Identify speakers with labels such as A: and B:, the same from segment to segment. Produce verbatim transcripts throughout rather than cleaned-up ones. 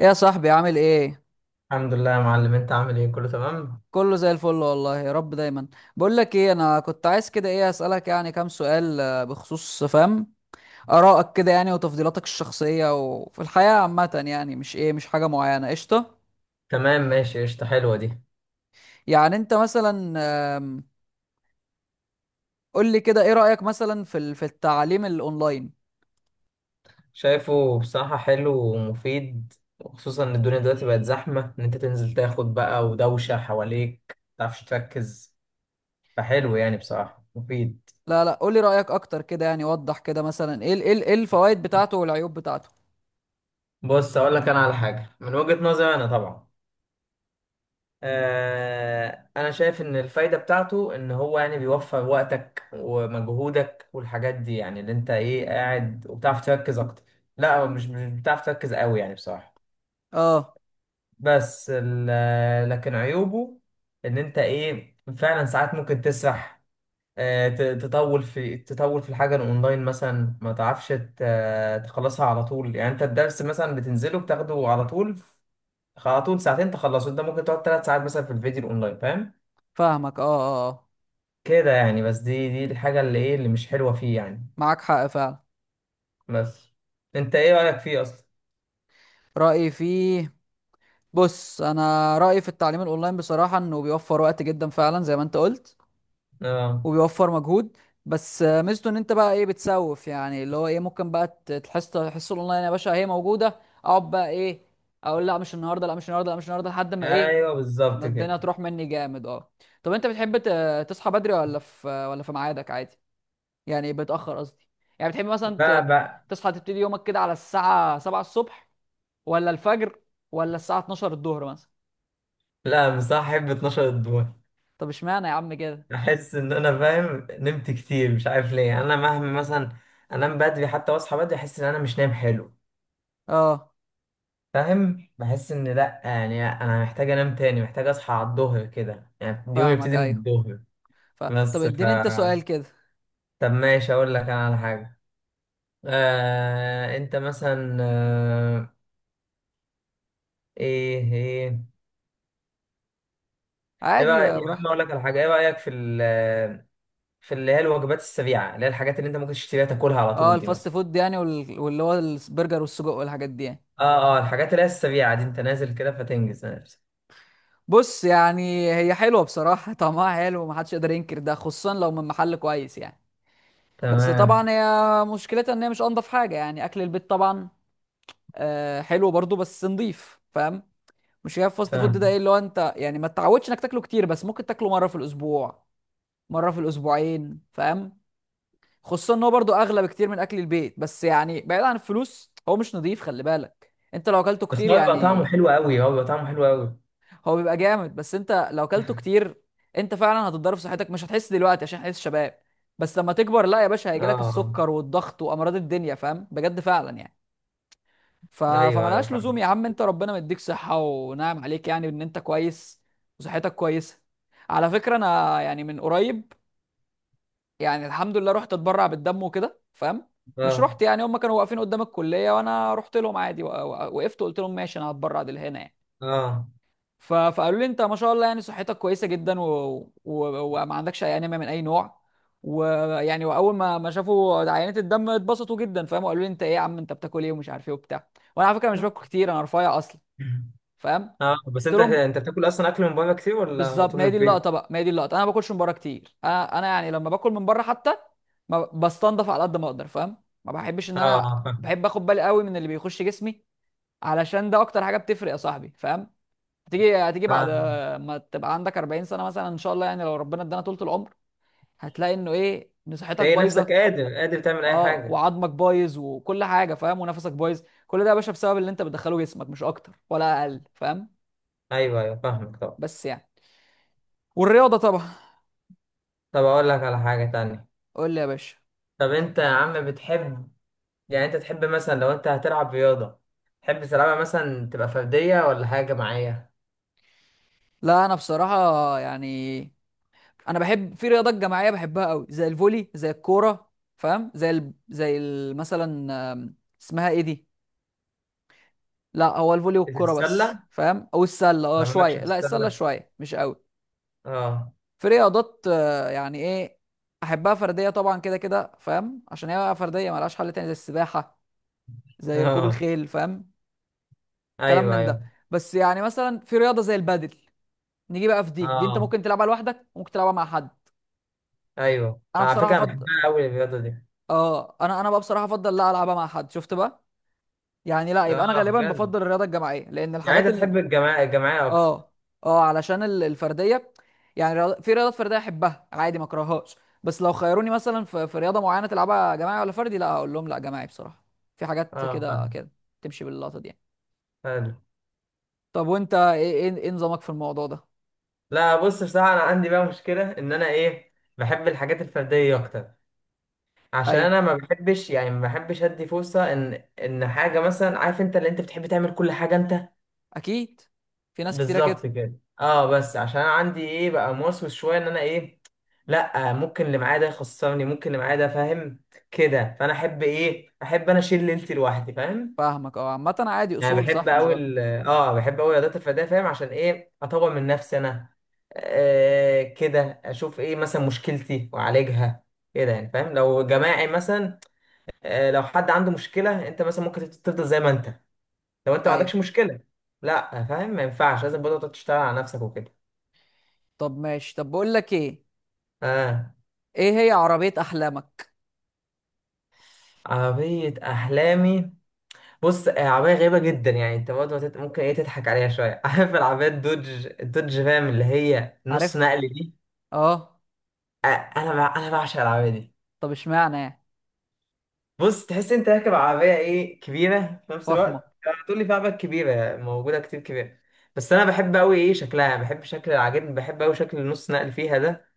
A: إيه يا صاحبي، عامل ايه؟
B: الحمد لله يا معلم، انت عامل ايه؟ كله تمام.
A: كله زي الفل والله، يا رب دايما. بقول لك ايه، انا كنت عايز كده ايه اسالك يعني كام سؤال آه، بخصوص فاهم ارائك كده يعني وتفضيلاتك الشخصيه وفي الحياه عامه، يعني مش ايه، مش حاجه معينه. قشطه،
B: تمام ماشي، قشطة، حلوة دي.
A: يعني انت مثلا آم، قول لي كده، ايه رايك مثلا في ال- في التعليم الاونلاين؟
B: شايفه بصراحة حلو ومفيد، وخصوصا ان الدنيا دلوقتي بقت زحمة، ان انت تنزل تاخد بقى ودوشة حواليك متعرفش تركز، فحلو يعني بصراحة مفيد.
A: لا لا، قول لي رايك اكتر كده، يعني وضح كده مثلا، ايه ال- ايه ال- ايه الفوائد بتاعته والعيوب بتاعته؟
B: بص اقول لك انا على حاجة من وجهة نظري انا طبعا. آه انا شايف ان الفايدة بتاعته ان هو يعني بيوفر وقتك ومجهودك والحاجات دي، يعني اللي انت ايه قاعد وبتعرف تركز اكتر. لا مش مش بتعرف تركز قوي يعني بصراحة.
A: اه،
B: بس ال- آه، لكن عيوبه ان انت ايه فعلا ساعات ممكن تسرح. آه، ت- تطول في تطول في الحاجه الاونلاين مثلا، ما تعرفش ت- تخلصها على طول. يعني انت الدرس مثلا بتنزله بتاخده على طول ف- على طول ساعتين تخلصه، انت ممكن تقعد ثلاث ساعات مثلا في الفيديو الاونلاين فاهم،
A: فاهمك، اه اه آه.
B: كده يعني. بس دي دي الحاجه اللي ايه اللي مش حلوه فيه يعني.
A: معاك حق فعلا.
B: بس انت ايه رايك فيه اصلا؟
A: رأيي فيه، بص، انا رايي في التعليم الاونلاين بصراحه انه بيوفر وقت جدا فعلا زي ما انت قلت،
B: اه.
A: وبيوفر مجهود. بس آه، ميزته ان انت بقى ايه، بتسوف يعني، اللي هو ايه ممكن بقى ت- تحس الحصه الاونلاين يا باشا هي موجوده، اقعد بقى ايه، اقول لا مش النهارده، لا مش النهارده، لا مش النهارده، لحد ما ايه،
B: ايوه
A: ما
B: بالظبط
A: الدنيا
B: كده.
A: تروح مني جامد، اه. طب انت بتحب ت- تصحى بدري، ولا في ولا في ميعادك عادي؟ يعني بتاخر، قصدي. يعني بتحب مثلا
B: لا
A: ت-
B: بقى،
A: تصحى تبتدي يومك كده على الساعه سبعة الصبح، ولا الفجر، ولا الساعه اتناشر الظهر مثلا؟
B: لا مصاحب اتناشر الدور.
A: طب اشمعنى يا عم كده؟
B: احس ان انا فاهم نمت كتير مش عارف ليه، يعني انا مهما مثلا انام بدري حتى واصحى بدري، احس ان انا مش نايم حلو
A: اه،
B: فاهم. بحس ان لا يعني انا محتاج انام تاني، محتاج اصحى على الظهر، كده يعني اليوم
A: فاهمك،
B: يبتدي من
A: ايوه.
B: الظهر.
A: ف... طب
B: بس ف
A: اديني انت سؤال كده.
B: طب ماشي اقول لك انا على حاجه. آه... انت مثلا، آه... ايه ايه، ايه
A: عادي،
B: رايك
A: يا
B: يا عم؟
A: براحتك.
B: اقول لك على حاجه، ايه رايك في ال في اللي هي الوجبات السريعه، اللي هي الحاجات اللي انت ممكن تشتريها تاكلها على
A: اه،
B: طول دي
A: الفاست
B: مثلا.
A: فود يعني، وال... واللي هو البرجر والسجق والحاجات دي يعني.
B: اه. اه الحاجات اللي هي السريعة دي، انت نازل كده فتنجز نفسك.
A: بص يعني، هي حلوه بصراحه، طعمها حلو ومحدش يقدر ينكر ده، خصوصا لو من محل كويس يعني. بس
B: تمام.
A: طبعا هي مشكلتها ان هي مش انضف حاجه يعني، اكل البيت طبعا آه حلو برضو بس نضيف، فاهم؟ مش هي الفاست فود ده
B: فاهم.
A: ايه اللي هو انت يعني ما تتعودش انك تاكله كتير، بس ممكن تاكله مره في الاسبوع، مره في الاسبوعين، فاهم؟ خصوصا ان هو برضو اغلى بكتير من اكل البيت، بس يعني بعيد عن الفلوس، هو مش نظيف، خلي بالك انت لو اكلته
B: بس
A: كتير
B: هو بيبقى طعمه
A: يعني.
B: حلو قوي، هو بيبقى طعمه حلو قوي.
A: هو بيبقى جامد، بس انت لو اكلته كتير انت فعلا هتتضرر في صحتك. مش هتحس دلوقتي عشان احنا لسه شباب، بس لما تكبر لا يا باشا،
B: اه
A: هيجيلك
B: آه.
A: السكر والضغط وامراض الدنيا، فاهم؟ بجد فعلا يعني. ف...
B: ايوه ايوه
A: فملهاش لزوم
B: فاهم.
A: يا عم، انت ربنا مديك صحة ونعم عليك يعني، ان انت كويس وصحتك كويسة. على فكرة انا يعني من قريب، يعني الحمد لله، رحت اتبرع بالدم وكده، فاهم؟ مش
B: اه
A: رحت يعني، هم كانوا واقفين قدام الكليه، وانا رحت لهم عادي، وق- وق- وقفت وقلت لهم ماشي انا هتبرع لهنا يعني.
B: اه
A: ف- فقالوا لي انت ما شاء الله يعني صحتك كويسه جدا، و... و... وما عندكش اي انيميا من اي نوع. ويعني، واول ما ما شافوا عينات الدم اتبسطوا جدا، فاهم؟ وقالوا لي انت ايه يا عم، انت بتاكل ايه ومش عارف ايه وبتاع. وانا على فكره مش باكل
B: اه.
A: كتير، انا رفيع اصلا، فاهم؟
B: اه، بس
A: قلت
B: انت
A: لهم
B: انت بتاكل اصلا اكل من بره كتير، ولا
A: بالظبط،
B: طول
A: ما
B: من
A: هي دي اللقطه
B: البيت؟
A: بقى، ما هي دي اللقطه، انا ما باكلش من بره كتير، انا انا يعني لما باكل من بره حتى ما بستنضف على قد ما اقدر، فاهم؟ ما بحبش ان
B: اه
A: انا،
B: آه، فاهم.
A: بحب اخد بالي قوي من اللي بيخش جسمي، علشان ده اكتر حاجه بتفرق يا صاحبي، فاهم؟ هتيجي هتيجي بعد
B: فاهم،
A: ما تبقى عندك اربعين سنه مثلا، ان شاء الله يعني لو ربنا ادانا طولة العمر، هتلاقي انه ايه، ان صحتك
B: تلاقي نفسك
A: بايظه،
B: قادر، قادر تعمل اي
A: اه،
B: حاجة.
A: وعظمك بايظ، وكل حاجه، فاهم؟ ونفسك بايظ، كل ده يا باشا بسبب اللي انت بتدخله جسمك، مش اكتر ولا اقل، فاهم؟
B: ايوه ايوه فاهمك طبعا.
A: بس يعني، والرياضه طبعا.
B: طب اقول لك على حاجة تانية.
A: قول لي يا باشا.
B: طب انت يا عم بتحب، يعني انت تحب مثلا لو انت هتلعب رياضة، تحب تلعبها مثلا تبقى فردية ولا حاجة جماعية؟
A: لا انا بصراحه يعني، انا بحب في رياضات جماعيه، بحبها قوي، زي الفولي زي الكوره، فاهم؟ زي ال... زي ال... مثلا آم، اسمها ايه دي، لا هو الفولي
B: في
A: والكوره بس،
B: السلة،
A: فاهم؟ او السله، اه
B: انا مالكش في
A: شويه، لا السله
B: السلة.
A: شويه مش قوي.
B: اه
A: في رياضات آه، يعني ايه، احبها فرديه طبعا كده كده، فاهم؟ عشان هي بقى فرديه ملهاش حل تاني، زي السباحه زي ركوب
B: اه،
A: الخيل، فاهم؟ كلام
B: ايوه
A: من ده.
B: ايوه
A: بس يعني مثلا، في رياضه زي البادل، نيجي بقى في دي دي انت
B: اه.
A: ممكن تلعبها لوحدك وممكن تلعبها مع حد.
B: ايوه
A: انا
B: على
A: بصراحه
B: فكرة انا
A: فض...
B: بحبها قوي الرياضة دي.
A: اه، انا انا بقى بصراحه افضل لا، العبها مع حد، شفت بقى؟ يعني لا، يبقى انا
B: اه
A: غالبا
B: بجد؟
A: بفضل الرياضه الجماعيه، لان
B: يعني انت
A: الحاجات
B: تحب
A: ال...
B: الجماعة، الجماعية اكتر؟
A: اه اه، علشان ال- الفرديه، يعني رياضة... في رياضات فرديه احبها عادي ما اكرههاش، بس لو خيروني مثلا في... في رياضه معينه تلعبها جماعي ولا فردي، لا هقول لهم لا جماعي بصراحه. في حاجات
B: اه
A: كده
B: فاهم.
A: كده تمشي باللقطه دي يعني.
B: حلو.
A: طب وانت ايه، ايه إيه نظامك في الموضوع ده؟
B: لا بص بصراحة انا عندي بقى مشكلة، ان انا ايه، بحب الحاجات الفردية اكتر. عشان
A: ايوه،
B: انا ما بحبش، يعني ما بحبش ادي فرصة ان ان حاجة، مثلا عارف انت اللي انت بتحب تعمل كل حاجة انت.
A: اكيد، في ناس كتيره
B: بالظبط
A: كده.
B: كده. اه بس عشان انا عندي ايه بقى، موسوس شويه، ان انا ايه، لا ممكن اللي معايا ده يخسرني، ممكن اللي معايا ده فاهم كده. فانا احب ايه، احب انا اشيل ليلتي لوحدي فاهم.
A: فاهمك، اه، عامه عادي،
B: يعني
A: اصول،
B: بحب
A: صح مش
B: قوي
A: غلط.
B: ال- اه بحب قوي رياضات الفرديه فاهم، عشان ايه اطور من نفسي انا، آه كده اشوف ايه مثلا مشكلتي واعالجها، كده يعني فاهم. لو جماعي مثلا، آه لو حد عنده مشكله، انت مثلا ممكن تفضل زي ما انت، لو انت ما
A: ايوه.
B: عندكش مشكله. لا فاهم، ما ينفعش، لازم برضه تقعد تشتغل على نفسك وكده.
A: طب ماشي، طب بقول لك ايه،
B: اه.
A: ايه هي عربيه احلامك؟
B: عربية أحلامي؟ بص آه، عربية غريبة جدا، يعني أنت برضه هتت- ممكن إيه تضحك عليها شوية عارف العربية الدوج، الدوج رام اللي هي نص
A: عارفها،
B: نقل دي.
A: اه.
B: آه، أنا بع- أنا بعشق العربية دي.
A: طب اشمعنى يعني؟
B: بص تحس أنت راكب عربية إيه كبيرة، في نفس
A: فخمة.
B: الوقت آه، تقول لي في عربيات كبيرة موجودة كتير كبيرة، بس أنا بحب أوي إيه شكلها، بحب شكل، عاجبني بحب أوي شكل النص نقل فيها ده.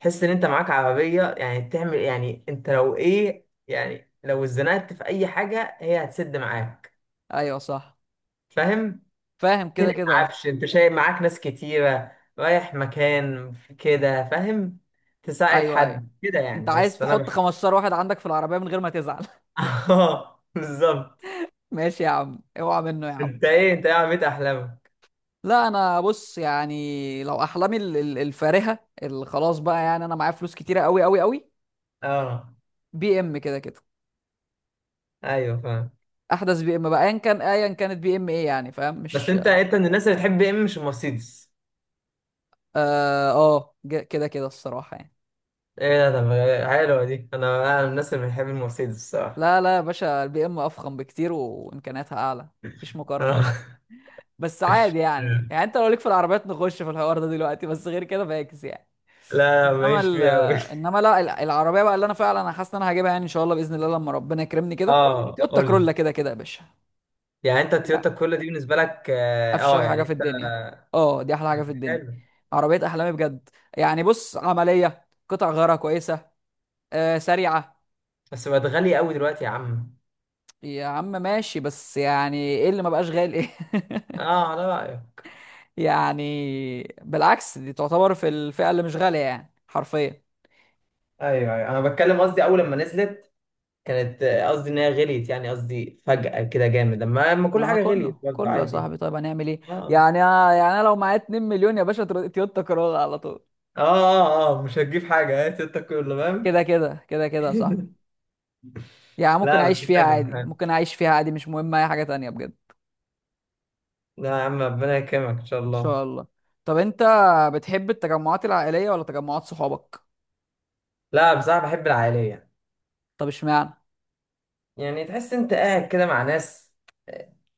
B: تحس إن أنت معاك عربية يعني تعمل، يعني أنت لو إيه يعني، لو اتزنقت في أي حاجة هي هتسد معاك
A: ايوه صح،
B: فاهم.
A: فاهم كده
B: تنقل
A: كده، اه.
B: عفش، انت شايل معاك ناس كتيرة، رايح مكان في كده فاهم، تساعد
A: ايوه ايوه،
B: حد كده
A: انت
B: يعني. بس
A: عايز
B: فانا
A: تحط
B: بح...
A: خمستاشر واحد عندك في العربية من غير ما تزعل.
B: اه بالظبط.
A: ماشي يا عم، اوعى منه يا عم.
B: انت ايه انت ايه عربية احلامك؟
A: لا انا بص يعني، لو احلامي ال- ال- الفارهة، اللي خلاص بقى يعني انا معايا فلوس كتيرة قوي قوي قوي،
B: اه
A: بي ام كده كده.
B: ايوه فاهم.
A: احدث بي ام بقى، ايا كان، ايا كانت بي ام ايه يعني، فاهم؟
B: بس
A: مش
B: انت انت من الناس اللي بتحب ايه مش المرسيدس.
A: اه آه، ج- كده كده الصراحة يعني.
B: ايه ده؟ طب حلوة دي، انا انا من الناس اللي بتحب المرسيدس الصراحة.
A: لا لا يا باشا، البي ام افخم بكتير وامكانياتها اعلى، مفيش مقارنة.
B: اه
A: بس عادي يعني، يعني انت لو ليك في العربيات نخش في الحوار ده دلوقتي، بس غير كده فاكس يعني.
B: لا لا،
A: انما
B: ماليش
A: ال
B: فيه قوي.
A: انما لا ال- العربيه بقى اللي انا فعلا انا حاسس ان انا هجيبها يعني، ان شاء الله باذن الله لما ربنا يكرمني كده،
B: اه
A: تويوتا
B: قول لي.
A: كرولا كده كده يا باشا.
B: يعني انت
A: حاجه،
B: التويوتا كل دي بالنسبة لك اه
A: افشخ
B: آه،
A: حاجه
B: يعني
A: في
B: انت.
A: الدنيا، اه، دي احلى حاجه في الدنيا،
B: حلو.
A: عربيه احلامي بجد. يعني بص، عمليه قطع غيارها كويسه، آه، سريعه.
B: بس بقت غالية قوي دلوقتي يا عم.
A: يا عم ماشي، بس يعني ايه اللي ما بقاش غالي ايه؟
B: اه على رأيك.
A: يعني بالعكس، دي تعتبر في الفئه اللي مش غاليه يعني حرفيا.
B: ايوه ايوه، انا بتكلم قصدي اول لما نزلت، كانت آه، قصدي ان هي غليت، يعني قصدي فجأة كده جامد، لما لما كل
A: ما
B: حاجة
A: كله
B: غليت برضه
A: كله يا
B: عادي.
A: صاحبي، طيب هنعمل ايه؟
B: اه
A: يعني، يعني انا لو معايا اتنين مليون يا باشا، تر- تويوتا كرولا على طول،
B: اه اه، آه مش هتجيب حاجة، هات انت كله فاهم.
A: كده كده كده كده يا صاحبي. يعني ممكن
B: لا
A: اعيش
B: بس
A: فيها
B: حلو
A: عادي،
B: حلو.
A: ممكن اعيش فيها عادي، مش مهم اي حاجة تانية بجد، ان
B: لا يا عم ربنا يكرمك ان شاء الله.
A: شاء الله. طب انت بتحب التجمعات العائلية ولا تجمعات صحابك؟
B: لا بصراحة بحب العائلية.
A: طب اشمعنى؟
B: يعني تحس انت قاعد كده مع ناس،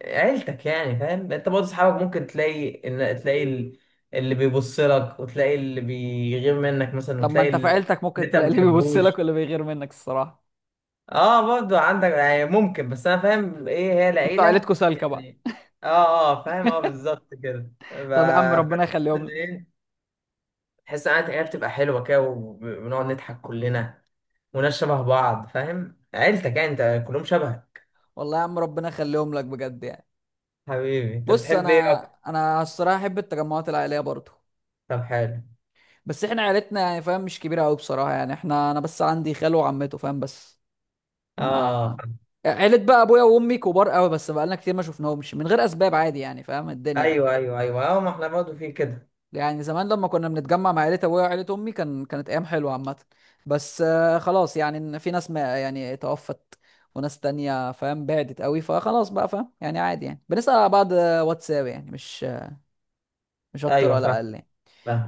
B: عيلتك يعني فاهم. انت برضه اصحابك ممكن تلاقي ان تلاقي ال- اللي بيبص لك، وتلاقي اللي بيغير منك مثلا،
A: طب ما
B: وتلاقي
A: انت في
B: ال-
A: عيلتك
B: اللي
A: ممكن
B: انت ما
A: تلاقي اللي بيبص لك
B: بتحبوش.
A: واللي بيغير منك، الصراحة.
B: اه برضه عندك يعني ممكن، بس انا فاهم ايه هي
A: انتوا
B: العيله
A: عيلتكوا سالكة بقى.
B: يعني. اه اه فاهم، اه بالظبط كده. ف-
A: طب يا عم ربنا
B: فتحس
A: يخليهم
B: ان
A: لك.
B: ايه، تحس ان العيله بتبقى حلوه كده، وبنقعد نضحك كلنا، وناس شبه بعض فاهم، عيلتك يعني انت كلهم شبه.
A: والله يا عم ربنا يخليهم لك بجد يعني.
B: حبيبي انت
A: بص
B: بتحب ايه؟
A: انا، انا الصراحة احب التجمعات العائلية برضو.
B: طب حلو.
A: بس احنا عيلتنا يعني فاهم، مش كبيره قوي بصراحه يعني، احنا انا بس عندي خاله وعمته فاهم، بس.
B: اه آه،
A: ما
B: فاهم.
A: عيلة بقى ابويا وامي كبار قوي، بس بقالنا كتير ما شفناهمش من غير اسباب، عادي يعني، فاهم؟ الدنيا بقى.
B: ايوه ايوه ايوه اه، ما احنا برضه في كده.
A: يعني زمان لما كنا بنتجمع مع عيلة ابويا وعيلة امي، كان كانت ايام حلوه عامه، بس آه، خلاص يعني، إن في ناس ما يعني توفت، وناس تانية فاهم بعدت قوي، فخلاص بقى، فاهم يعني؟ عادي يعني، بنسأل على بعض آه، واتساب يعني، مش مش اكتر
B: ايوه
A: ولا
B: فاهم.
A: اقل يعني.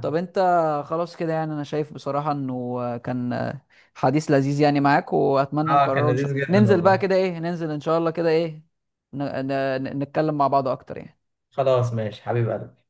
A: طب انت، خلاص كده يعني. انا شايف بصراحة انه كان حديث لذيذ يعني معاك، واتمنى
B: اه كان
A: نكرره ان شاء
B: لذيذ
A: الله،
B: جدا
A: ننزل بقى
B: والله.
A: كده ايه، ننزل ان شاء الله كده ايه، ن... ن... نتكلم مع بعض اكتر يعني.
B: خلاص ماشي حبيب قلبي.